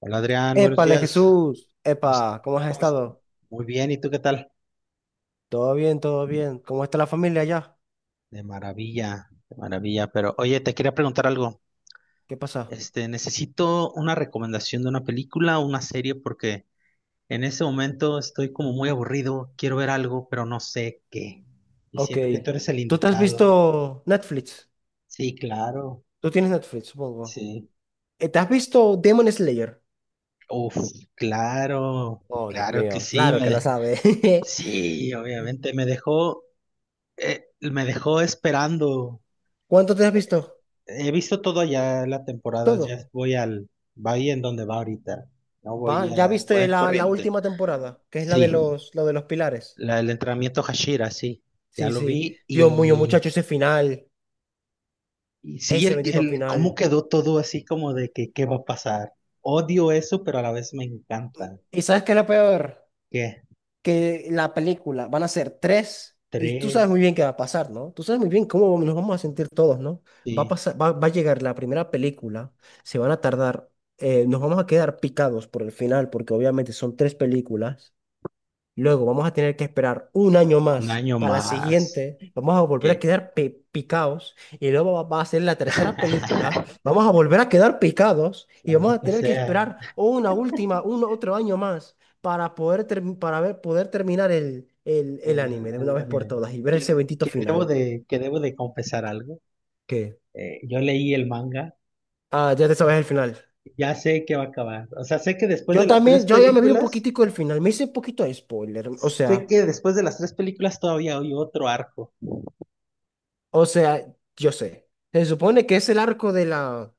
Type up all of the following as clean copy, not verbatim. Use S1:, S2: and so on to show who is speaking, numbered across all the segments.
S1: Hola Adrián, buenos
S2: Épale,
S1: días.
S2: Jesús.
S1: ¿Cómo es-
S2: Epa, ¿cómo has
S1: cómo es-
S2: estado?
S1: Muy bien, ¿y tú qué tal?
S2: Todo bien, todo bien. ¿Cómo está la familia allá?
S1: De maravilla, de maravilla. Pero oye, te quería preguntar algo.
S2: ¿Qué pasa?
S1: Este, necesito una recomendación de una película o una serie porque en ese momento estoy como muy aburrido, quiero ver algo, pero no sé qué. Y
S2: Ok.
S1: siento que tú eres el
S2: ¿Tú te has
S1: indicado.
S2: visto Netflix?
S1: Sí, claro,
S2: Tú tienes Netflix, supongo.
S1: sí.
S2: ¿Te has visto Demon Slayer?
S1: Uf, claro,
S2: Oh, Dios
S1: claro que
S2: mío,
S1: sí.
S2: claro que lo sabes.
S1: Sí, obviamente me dejó esperando.
S2: ¿Cuánto te has
S1: eh,
S2: visto?
S1: He visto todo ya la temporada,
S2: Todo.
S1: va ahí en donde va ahorita. No
S2: ¿Va?
S1: voy
S2: ¿Ya
S1: a, voy
S2: viste
S1: al
S2: la
S1: corriente.
S2: última temporada? Que es la de
S1: Sí,
S2: los, la de los pilares.
S1: el entrenamiento Hashira, sí, ya
S2: Sí,
S1: lo
S2: sí.
S1: vi
S2: Dios mío, muchacho, ese final.
S1: y sí,
S2: Ese
S1: el,
S2: bendito
S1: el cómo
S2: final.
S1: quedó todo así como de que qué va a pasar. Odio eso, pero a la vez me encanta.
S2: ¿Y sabes qué es lo peor?
S1: ¿Qué?
S2: Que la película van a ser tres y tú sabes
S1: Tres,
S2: muy bien qué va a pasar, ¿no? Tú sabes muy bien cómo nos vamos a sentir todos, ¿no? Va a
S1: sí,
S2: pasar, va a llegar la primera película, se van a tardar, nos vamos a quedar picados por el final porque obviamente son tres películas. Luego vamos a tener que esperar un año
S1: un
S2: más
S1: año
S2: para la
S1: más.
S2: siguiente. Vamos a volver a
S1: ¿Qué?
S2: quedar picados. Y luego va a ser la tercera película. Vamos a volver a quedar picados. Y vamos a
S1: Maldita
S2: tener que
S1: sea
S2: esperar una última, un otro año más para ver, poder terminar el
S1: el,
S2: anime de una
S1: el
S2: vez por
S1: anime.
S2: todas y ver ese
S1: Que,
S2: bendito
S1: que debo
S2: final.
S1: de, que debo de confesar algo.
S2: ¿Qué?
S1: Yo leí el manga.
S2: Ah, ya te sabes el final.
S1: Ya sé que va a acabar. O sea, sé que después de
S2: Yo
S1: las tres
S2: también, yo ya me vi un
S1: películas,
S2: poquitico el final. Me hice un poquito de spoiler. O
S1: sé
S2: sea,
S1: que después de las tres películas todavía hay otro arco.
S2: o sea, yo sé. Se supone que es el arco de la,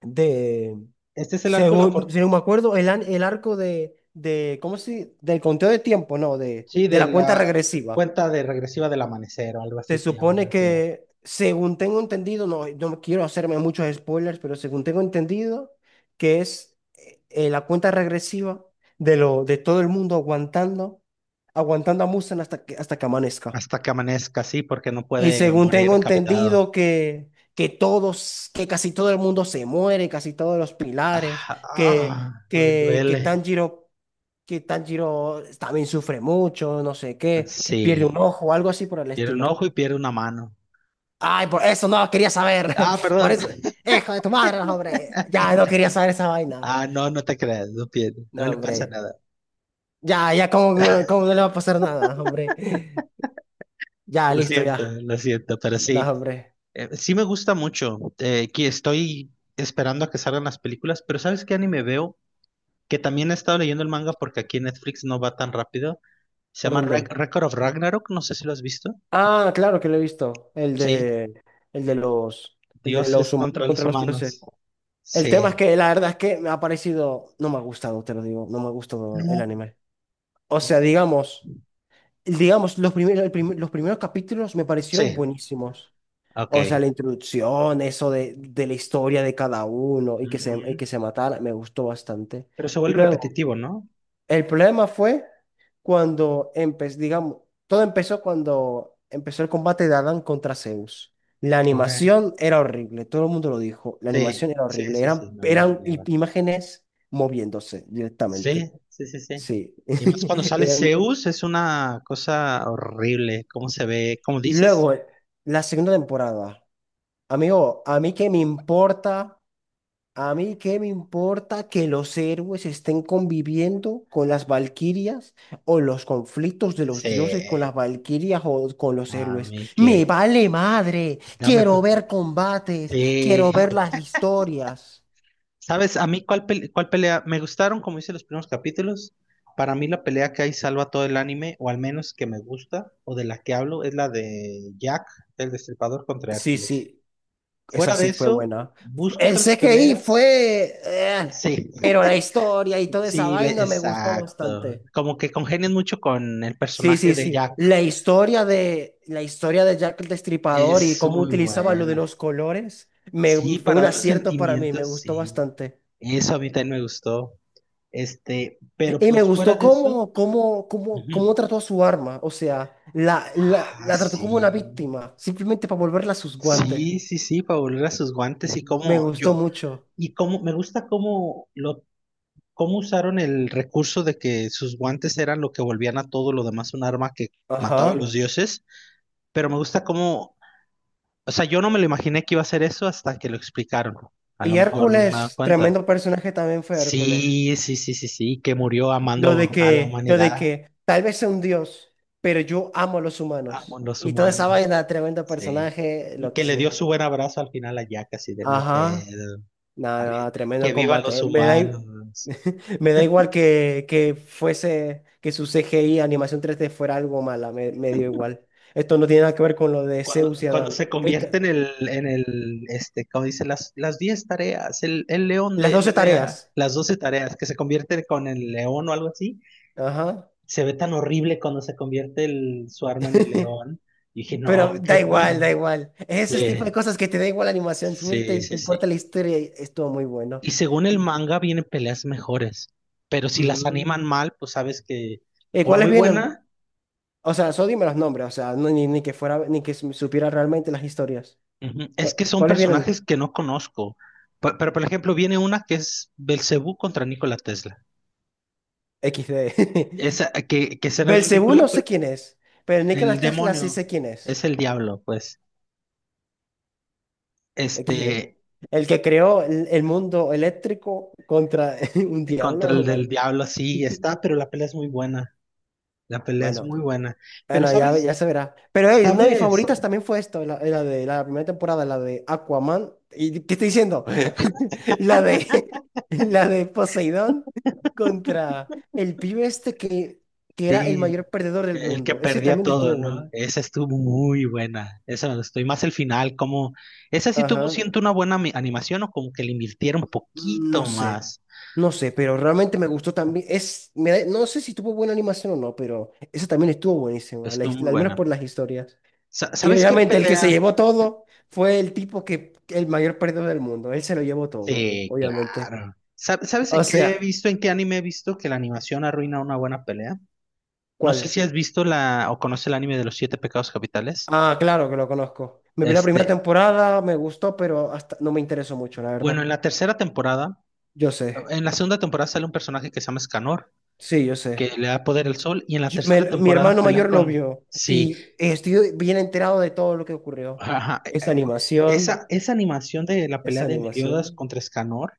S2: de,
S1: Este es el arco de la,
S2: según,
S1: for-
S2: según me acuerdo, el arco de, ¿cómo se? Del conteo de tiempo, no, de,
S1: Sí,
S2: de
S1: de
S2: la cuenta
S1: la
S2: regresiva.
S1: cuenta de regresiva del amanecer o algo así
S2: Se
S1: se llama
S2: supone
S1: el tema.
S2: que, según tengo entendido, no, no quiero hacerme muchos spoilers, pero según tengo entendido, que es la cuenta regresiva de todo el mundo aguantando, a Mustang hasta que amanezca.
S1: Hasta que amanezca, sí, porque no
S2: Y
S1: puede
S2: según
S1: morir
S2: tengo
S1: decapitado.
S2: entendido que casi todo el mundo se muere, casi todos los pilares,
S1: Ah,
S2: que,
S1: ah, me
S2: que, que
S1: duele.
S2: Tanjiro, que Tanjiro también sufre mucho, no sé qué, que
S1: Sí,
S2: pierde un ojo, algo así por el
S1: pierde un
S2: estilo.
S1: ojo y pierde una mano.
S2: Ay, por eso no quería saber.
S1: Ah,
S2: Por
S1: perdón.
S2: eso, hijo de tu madre, no, hombre. Ya no quería saber esa vaina.
S1: Ah, no, no te creas, no pierde, no
S2: No,
S1: le pasa
S2: hombre.
S1: nada.
S2: Ya, ya, ¿cómo no le va a pasar nada, hombre? Ya, listo, ya.
S1: Lo siento, pero
S2: No,
S1: sí.
S2: hombre.
S1: Sí me gusta mucho, que estoy esperando a que salgan las películas, pero ¿sabes qué anime veo? Que también he estado leyendo el manga porque aquí en Netflix no va tan rápido. Se
S2: ¿Por
S1: llama
S2: dónde?
S1: Record of Ragnarok, no sé si lo has visto.
S2: Ah, claro que lo he visto.
S1: Sí,
S2: El de los, el de
S1: dioses
S2: los humanos
S1: contra los
S2: contra los dioses.
S1: humanos.
S2: El tema es
S1: Sí.
S2: que la verdad es que me ha parecido, no me ha gustado, te lo digo, no me ha gustado el
S1: No.
S2: anime. O sea, digamos, los primeros capítulos me parecieron
S1: Sí,
S2: buenísimos.
S1: ok.
S2: O sea, la introducción, eso de la historia de cada uno y que se, y
S1: Ujú.
S2: que se matara, me gustó bastante.
S1: Pero se vuelve
S2: Luego,
S1: repetitivo, ¿no?
S2: el problema fue digamos, todo empezó cuando empezó el combate de Adán contra Zeus. La
S1: Ok.
S2: animación era horrible, todo el mundo lo dijo, la
S1: Sí,
S2: animación era
S1: sí,
S2: horrible,
S1: sí,
S2: eran,
S1: sí, no lo
S2: eran i-
S1: niego.
S2: imágenes moviéndose directamente,
S1: Sí, sí, sí, sí.
S2: sí.
S1: Y más cuando sale
S2: Eran-
S1: Zeus, es una cosa horrible, cómo se ve. ¿Cómo
S2: y
S1: dices?
S2: luego, la segunda temporada, amigo, ¿a mí qué me importa? A mí qué me importa que los héroes estén conviviendo con las valquirias o los conflictos de los
S1: Sí,
S2: dioses con las valquirias o con los
S1: a
S2: héroes.
S1: mí que.
S2: Me vale madre.
S1: Dame. Pues,
S2: Quiero ver combates.
S1: eh,
S2: Quiero ver las historias.
S1: ¿sabes? A mí, ¿cuál pelea? Me gustaron, como hice los primeros capítulos. Para mí, la pelea que hay salva todo el anime, o al menos que me gusta, o de la que hablo, es la de Jack, el Destripador contra
S2: Sí,
S1: Hércules.
S2: sí, esa
S1: Fuera de
S2: sí fue
S1: eso,
S2: buena.
S1: busco
S2: El
S1: otras
S2: CGI
S1: peleas.
S2: fue,
S1: Sí,
S2: pero la historia y toda esa
S1: sí,
S2: vaina me gustó
S1: exacto.
S2: bastante.
S1: Como que congenian mucho con el
S2: Sí,
S1: personaje
S2: sí,
S1: de
S2: sí.
S1: Jack.
S2: La historia de Jack el Destripador y
S1: Es
S2: cómo
S1: muy
S2: utilizaba lo de
S1: buena.
S2: los colores
S1: Sí,
S2: fue
S1: para
S2: un
S1: ver los
S2: acierto para mí, me
S1: sentimientos,
S2: gustó
S1: sí.
S2: bastante.
S1: Eso a mí también me gustó. Este, pero
S2: Y me
S1: pues fuera
S2: gustó
S1: de eso.
S2: cómo, cómo, cómo,
S1: Ujú.
S2: cómo trató a su arma, o sea, la, la,
S1: Ah,
S2: la trató
S1: sí.
S2: como una víctima, simplemente para volverla a sus guantes.
S1: Sí, sí, sí, para volver a sus guantes y
S2: Me
S1: cómo
S2: gustó
S1: yo.
S2: mucho.
S1: Y cómo me gusta cómo cómo usaron el recurso de que sus guantes eran lo que volvían a todo lo demás un arma que mataba a los
S2: Ajá.
S1: dioses. Pero me gusta cómo. O sea, yo no me lo imaginé que iba a ser eso hasta que lo explicaron. A lo
S2: Y
S1: mejor no me da
S2: Hércules,
S1: cuenta.
S2: tremendo personaje también fue Hércules.
S1: Sí, sí, sí, sí, sí, que murió
S2: Lo de
S1: amando a la
S2: que, lo de
S1: humanidad.
S2: que tal vez sea un dios, pero yo amo a los
S1: Amo a
S2: humanos.
S1: los
S2: Y toda esa
S1: humanos.
S2: vaina, tremendo
S1: Sí.
S2: personaje,
S1: Y
S2: lo
S1: que
S2: que
S1: le dio
S2: sé.
S1: su buen abrazo al final a Jack, así de no hay
S2: Ajá.
S1: pedo.
S2: Nada,
S1: arri-
S2: nada, tremendo
S1: Que vivan los
S2: combate.
S1: humanos.
S2: Me da igual que fuese, que su CGI, animación 3D fuera algo mala, me dio igual. Esto no tiene nada que ver con lo de
S1: Cuando,
S2: Zeus y
S1: cuando
S2: Adán.
S1: se
S2: Esta-
S1: convierte en el, como dice, las 10 tareas, el león
S2: las
S1: de
S2: 12
S1: NMA,
S2: tareas.
S1: las 12 tareas, que se convierte con el león o algo así,
S2: Ajá.
S1: se ve tan horrible cuando se convierte el, su arma en el león. Y dije,
S2: Pero
S1: no, qué
S2: da igual, da
S1: miedo.
S2: igual. Es ese tipo de
S1: Sí,
S2: cosas que te da igual la animación. Si
S1: sí,
S2: te
S1: sí, sí.
S2: importa la historia, estuvo muy bueno.
S1: Y según el manga vienen peleas mejores, pero si las
S2: Mm.
S1: animan mal, pues sabes que
S2: ¿Y
S1: por
S2: cuáles
S1: muy
S2: vienen?
S1: buena,
S2: O sea, solo dime los nombres, o sea, ni que fuera, ni que supiera realmente las historias.
S1: ujú,
S2: ¿Cu-
S1: es que son
S2: ¿Cuáles vienen?
S1: personajes que no conozco. Pero, por ejemplo, viene una que es Belcebú contra Nikola Tesla.
S2: XD.
S1: Esa que será bien
S2: Belcebú
S1: ridícula,
S2: no
S1: pero
S2: sé quién es, pero
S1: el
S2: Nikola Tesla sí
S1: demonio
S2: sé quién es.
S1: es el diablo, pues.
S2: XD.
S1: Este,
S2: El que creó el mundo eléctrico contra un diablo.
S1: contra el
S2: ¿No? Bueno,
S1: del diablo, sí, está, pero la pelea es muy buena. La pelea es
S2: bueno.
S1: muy buena.
S2: Ah,
S1: Pero,
S2: no, ya,
S1: ¿sabes?
S2: ya se verá. Pero hey, una de mis
S1: ¿Sabes?
S2: favoritas también fue esto, la de la primera temporada, la de Aquaman. ¿Y qué estoy diciendo? La de, la de Poseidón contra el pibe este que era el
S1: Sí,
S2: mayor perdedor del
S1: el que
S2: mundo. Ese
S1: perdía
S2: también
S1: todo,
S2: estuvo bueno.
S1: ¿no? Esa estuvo muy buena. Esa me gustó. Y más el final, como. Esa sí tuvo,
S2: Ajá.
S1: siento, una buena animación o como que le invirtieron un
S2: Mm,
S1: poquito
S2: no sé.
S1: más.
S2: No sé, pero realmente me gustó también. No sé si tuvo buena animación o no, pero esa también estuvo buenísima,
S1: Estuvo muy
S2: al menos por
S1: buena.
S2: las historias. Y
S1: ¿Sabes qué
S2: obviamente el que se
S1: pelea?
S2: llevó todo fue el mayor perdedor del mundo. Él se lo llevó todo,
S1: Sí,
S2: obviamente.
S1: claro. ¿Sabes en
S2: O
S1: qué he
S2: sea,
S1: visto, en qué anime he visto que la animación arruina una buena pelea? No sé
S2: ¿cuál?
S1: si has visto la o conoces el anime de los siete pecados capitales.
S2: Ah, claro que lo conozco. Me vi la primera
S1: Este,
S2: temporada, me gustó, pero hasta no me interesó mucho, la
S1: bueno,
S2: verdad.
S1: en la tercera temporada,
S2: Yo sé,
S1: en la segunda temporada sale un personaje que se llama Escanor,
S2: sí, yo
S1: que
S2: sé.
S1: le da poder al sol, y en la
S2: Yo-
S1: tercera
S2: me- mi
S1: temporada
S2: hermano
S1: peleas
S2: mayor lo
S1: con...
S2: vio
S1: Sí,
S2: y estoy bien enterado de todo lo que ocurrió.
S1: ajá,
S2: Esa animación,
S1: Esa animación de la pelea
S2: esa
S1: de Meliodas
S2: animación.
S1: contra Escanor,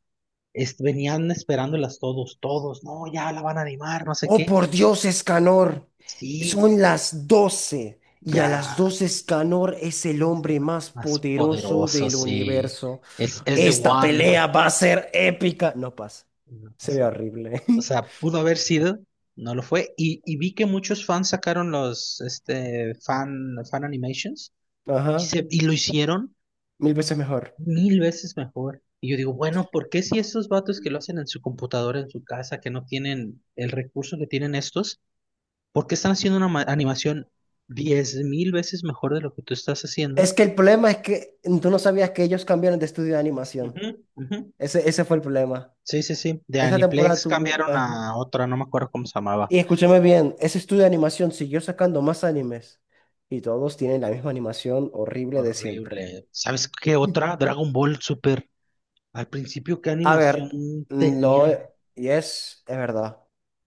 S1: venían esperándolas todos, todos, no, ya la van a animar, no sé
S2: Oh,
S1: qué.
S2: por Dios, Escanor,
S1: Sí,
S2: son las 12 y a las
S1: ya,
S2: doce Escanor es el
S1: se-
S2: hombre más
S1: más
S2: poderoso
S1: poderoso,
S2: del
S1: sí.
S2: universo.
S1: Es The
S2: Esta
S1: One.
S2: pelea va a ser épica. No pasa,
S1: No
S2: se ve
S1: pasó.
S2: horrible.
S1: O sea, pudo haber sido, no lo fue. Y vi que muchos fans sacaron los fan, animations y,
S2: Ajá,
S1: se, y lo hicieron
S2: mil veces mejor.
S1: mil veces mejor. Y yo digo, bueno, ¿por qué si esos vatos que lo hacen en su computadora, en su casa, que no tienen el recurso que tienen estos, ¿por qué están haciendo una animación 10,000 veces mejor de lo que tú estás haciendo?
S2: Es que el problema es que tú no sabías que ellos cambiaron de estudio de animación.
S1: Ujú, ujú.
S2: Ese fue el problema.
S1: Sí, sí, sí. De
S2: Esa temporada
S1: Aniplex
S2: tuvo,
S1: cambiaron
S2: ajá.
S1: a otra, no me acuerdo cómo se llamaba.
S2: Y escúchame bien, ese estudio de animación siguió sacando más animes y todos tienen la misma animación horrible de siempre.
S1: Horrible. ¿Sabes qué otra? Dragon Ball Super. Al principio, ¿qué
S2: A
S1: animación
S2: ver, lo
S1: tenía?
S2: y es verdad.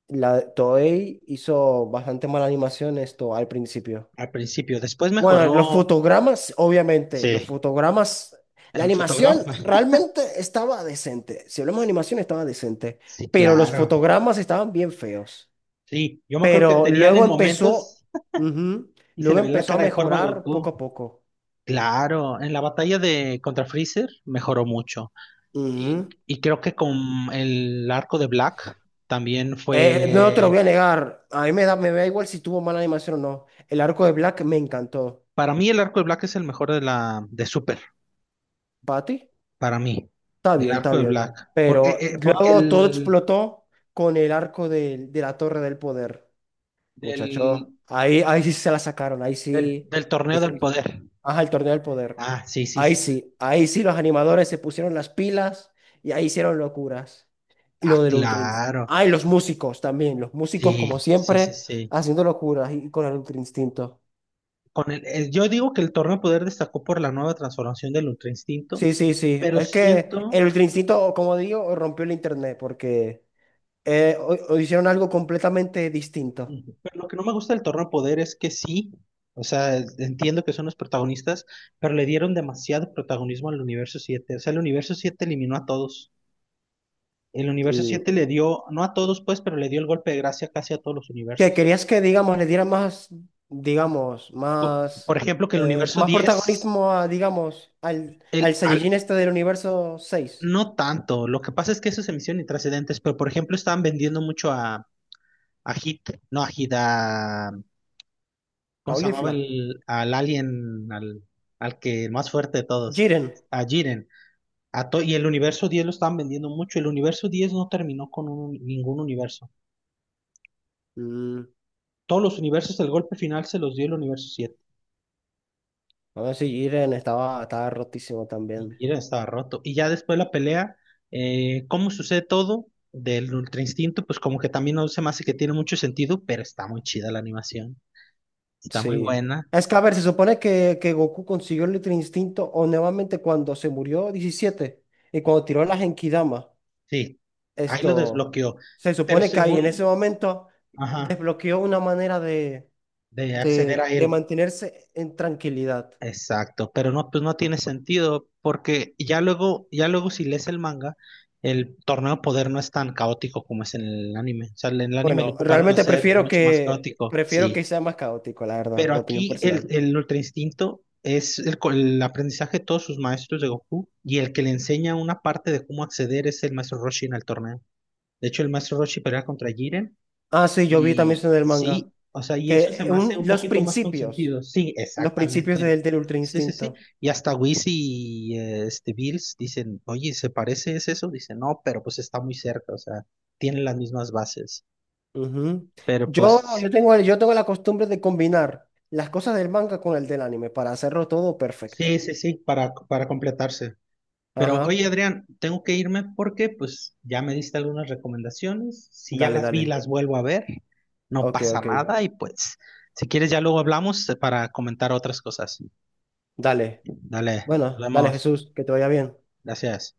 S2: La Toei hizo bastante mala animación esto al principio.
S1: Al principio, después
S2: Bueno, los
S1: mejoró.
S2: fotogramas, obviamente,
S1: Sí,
S2: los fotogramas, la
S1: en
S2: animación
S1: fotograma.
S2: realmente estaba decente. Si hablamos de animación, estaba decente,
S1: Sí,
S2: pero los
S1: claro.
S2: fotogramas estaban bien feos.
S1: Sí, yo me acuerdo que
S2: Pero
S1: tenían
S2: luego
S1: en
S2: empezó,
S1: momentos
S2: ujú,
S1: y se
S2: luego
S1: le ve la
S2: empezó a
S1: cara de forma a
S2: mejorar
S1: Goku.
S2: poco a poco.
S1: Claro, en la batalla de contra Freezer mejoró mucho. Y,
S2: Ujú.
S1: y creo que con el arco de Black también
S2: No te lo
S1: fue.
S2: voy a negar. A mí me da igual si tuvo mala animación o no. El arco de Black me encantó.
S1: Para mí, el arco de Black es el mejor de la de Super.
S2: ¿Bati?
S1: Para mí,
S2: Está
S1: el
S2: bien, está
S1: arco de
S2: bien.
S1: Black. Porque,
S2: Pero
S1: porque
S2: luego todo
S1: el
S2: explotó con el arco de la Torre del Poder. Muchacho,
S1: del,
S2: ahí sí se la sacaron. Ahí
S1: del,
S2: sí.
S1: del
S2: Ahí
S1: torneo del
S2: sí.
S1: poder.
S2: Ajá, el Torneo del Poder.
S1: Ah, sí, sí,
S2: Ahí
S1: sí.
S2: sí. Ahí sí los animadores se pusieron las pilas y ahí hicieron locuras. Y
S1: Ah,
S2: lo del Ultra Instinto.
S1: claro.
S2: Ah, y los músicos también. Los músicos,
S1: Sí,
S2: como
S1: sí, sí,
S2: siempre,
S1: sí.
S2: haciendo locuras y con el Ultra Instinto.
S1: Yo digo que el Torneo de Poder destacó por la nueva transformación del Ultra Instinto,
S2: Sí, sí, sí.
S1: pero
S2: Es que
S1: siento.
S2: el Grincito, como digo, rompió el internet porque o hicieron algo completamente distinto.
S1: Ujú. Pero lo que no me gusta del Torneo de Poder es que sí, o sea, entiendo que son los protagonistas, pero le dieron demasiado protagonismo al Universo 7. O sea, el Universo 7 eliminó a todos. El Universo
S2: Mm.
S1: 7 le dio, no a todos pues, pero le dio el golpe de gracia casi a todos los
S2: Que
S1: universos.
S2: querías que, digamos, le dieran digamos,
S1: Por,
S2: más,
S1: ejemplo, que el
S2: eh,
S1: Universo
S2: más
S1: 10
S2: protagonismo a, digamos, al
S1: el, al-
S2: Saiyajin este del universo seis
S1: no tanto, lo que pasa es que eso se emisión y trascendentes, pero por ejemplo estaban vendiendo mucho a Agit, no agita, ¿cómo se llamaba
S2: Caulifla,
S1: al alien, al que el más fuerte de todos?
S2: Jiren.
S1: A Jiren. Y el universo 10 lo estaban vendiendo mucho. El universo 10 no terminó con ningún universo.
S2: Mm.
S1: Todos los universos, el golpe final se los dio el universo 7.
S2: A ver si Jiren estaba rotísimo
S1: Y
S2: también.
S1: Jiren estaba roto. Y ya después de la pelea, ¿cómo sucede todo? Del Ultra Instinto, pues como que también no se me hace que tiene mucho sentido, pero está muy chida la animación. Está muy
S2: Sí.
S1: buena.
S2: Es que, a ver, se supone que Goku consiguió el Ultra Instinto o nuevamente cuando se murió 17 y cuando tiró la Genkidama.
S1: Sí, ahí lo
S2: Esto,
S1: desbloqueó.
S2: se
S1: Pero
S2: supone que ahí en ese
S1: según...
S2: momento
S1: Ajá.
S2: desbloqueó una manera de,
S1: De acceder
S2: de,
S1: a
S2: de
S1: él.
S2: mantenerse en tranquilidad.
S1: Exacto, pero no, pues no tiene sentido porque ya luego si lees el manga, el torneo de poder no es tan caótico como es en el anime. O sea, en el anime lo
S2: Bueno,
S1: ocuparon a
S2: realmente
S1: ser
S2: prefiero
S1: mucho más
S2: que,
S1: caótico,
S2: prefiero que
S1: sí.
S2: sea más caótico, la verdad,
S1: Pero
S2: de opinión
S1: aquí el,
S2: personal.
S1: el Ultra Instinto es el aprendizaje de todos sus maestros de Goku y el que le enseña una parte de cómo acceder es el maestro Roshi en el torneo. De hecho, el maestro Roshi pelea contra Jiren.
S2: Ah, sí, yo vi también
S1: Y
S2: eso en el manga.
S1: sí, o sea, y eso se
S2: Que
S1: me hace
S2: un-
S1: un
S2: los
S1: poquito más
S2: principios,
S1: consentido. Sí,
S2: los principios
S1: exactamente.
S2: del Ultra
S1: Sí, sí, sí.
S2: Instinto.
S1: Y hasta Wiz y Bills dicen, oye, ¿se parece es eso? Dice, no, pero pues está muy cerca, o sea, tienen las mismas bases.
S2: Ujú.
S1: Pero
S2: Yo,
S1: pues,
S2: yo tengo, el- yo tengo la costumbre de combinar las cosas del manga con el del anime para hacerlo todo perfecto.
S1: sí, sí, sí, para completarse. Pero oye,
S2: Ajá.
S1: Adrián, tengo que irme porque pues ya me diste algunas recomendaciones. Si ya
S2: Dale,
S1: las vi,
S2: dale.
S1: las vuelvo a ver. No
S2: Ok,
S1: pasa
S2: ok.
S1: nada y pues, si quieres ya luego hablamos para comentar otras cosas.
S2: Dale.
S1: Dale, nos
S2: Bueno, dale,
S1: vemos.
S2: Jesús, que te vaya bien.
S1: Gracias.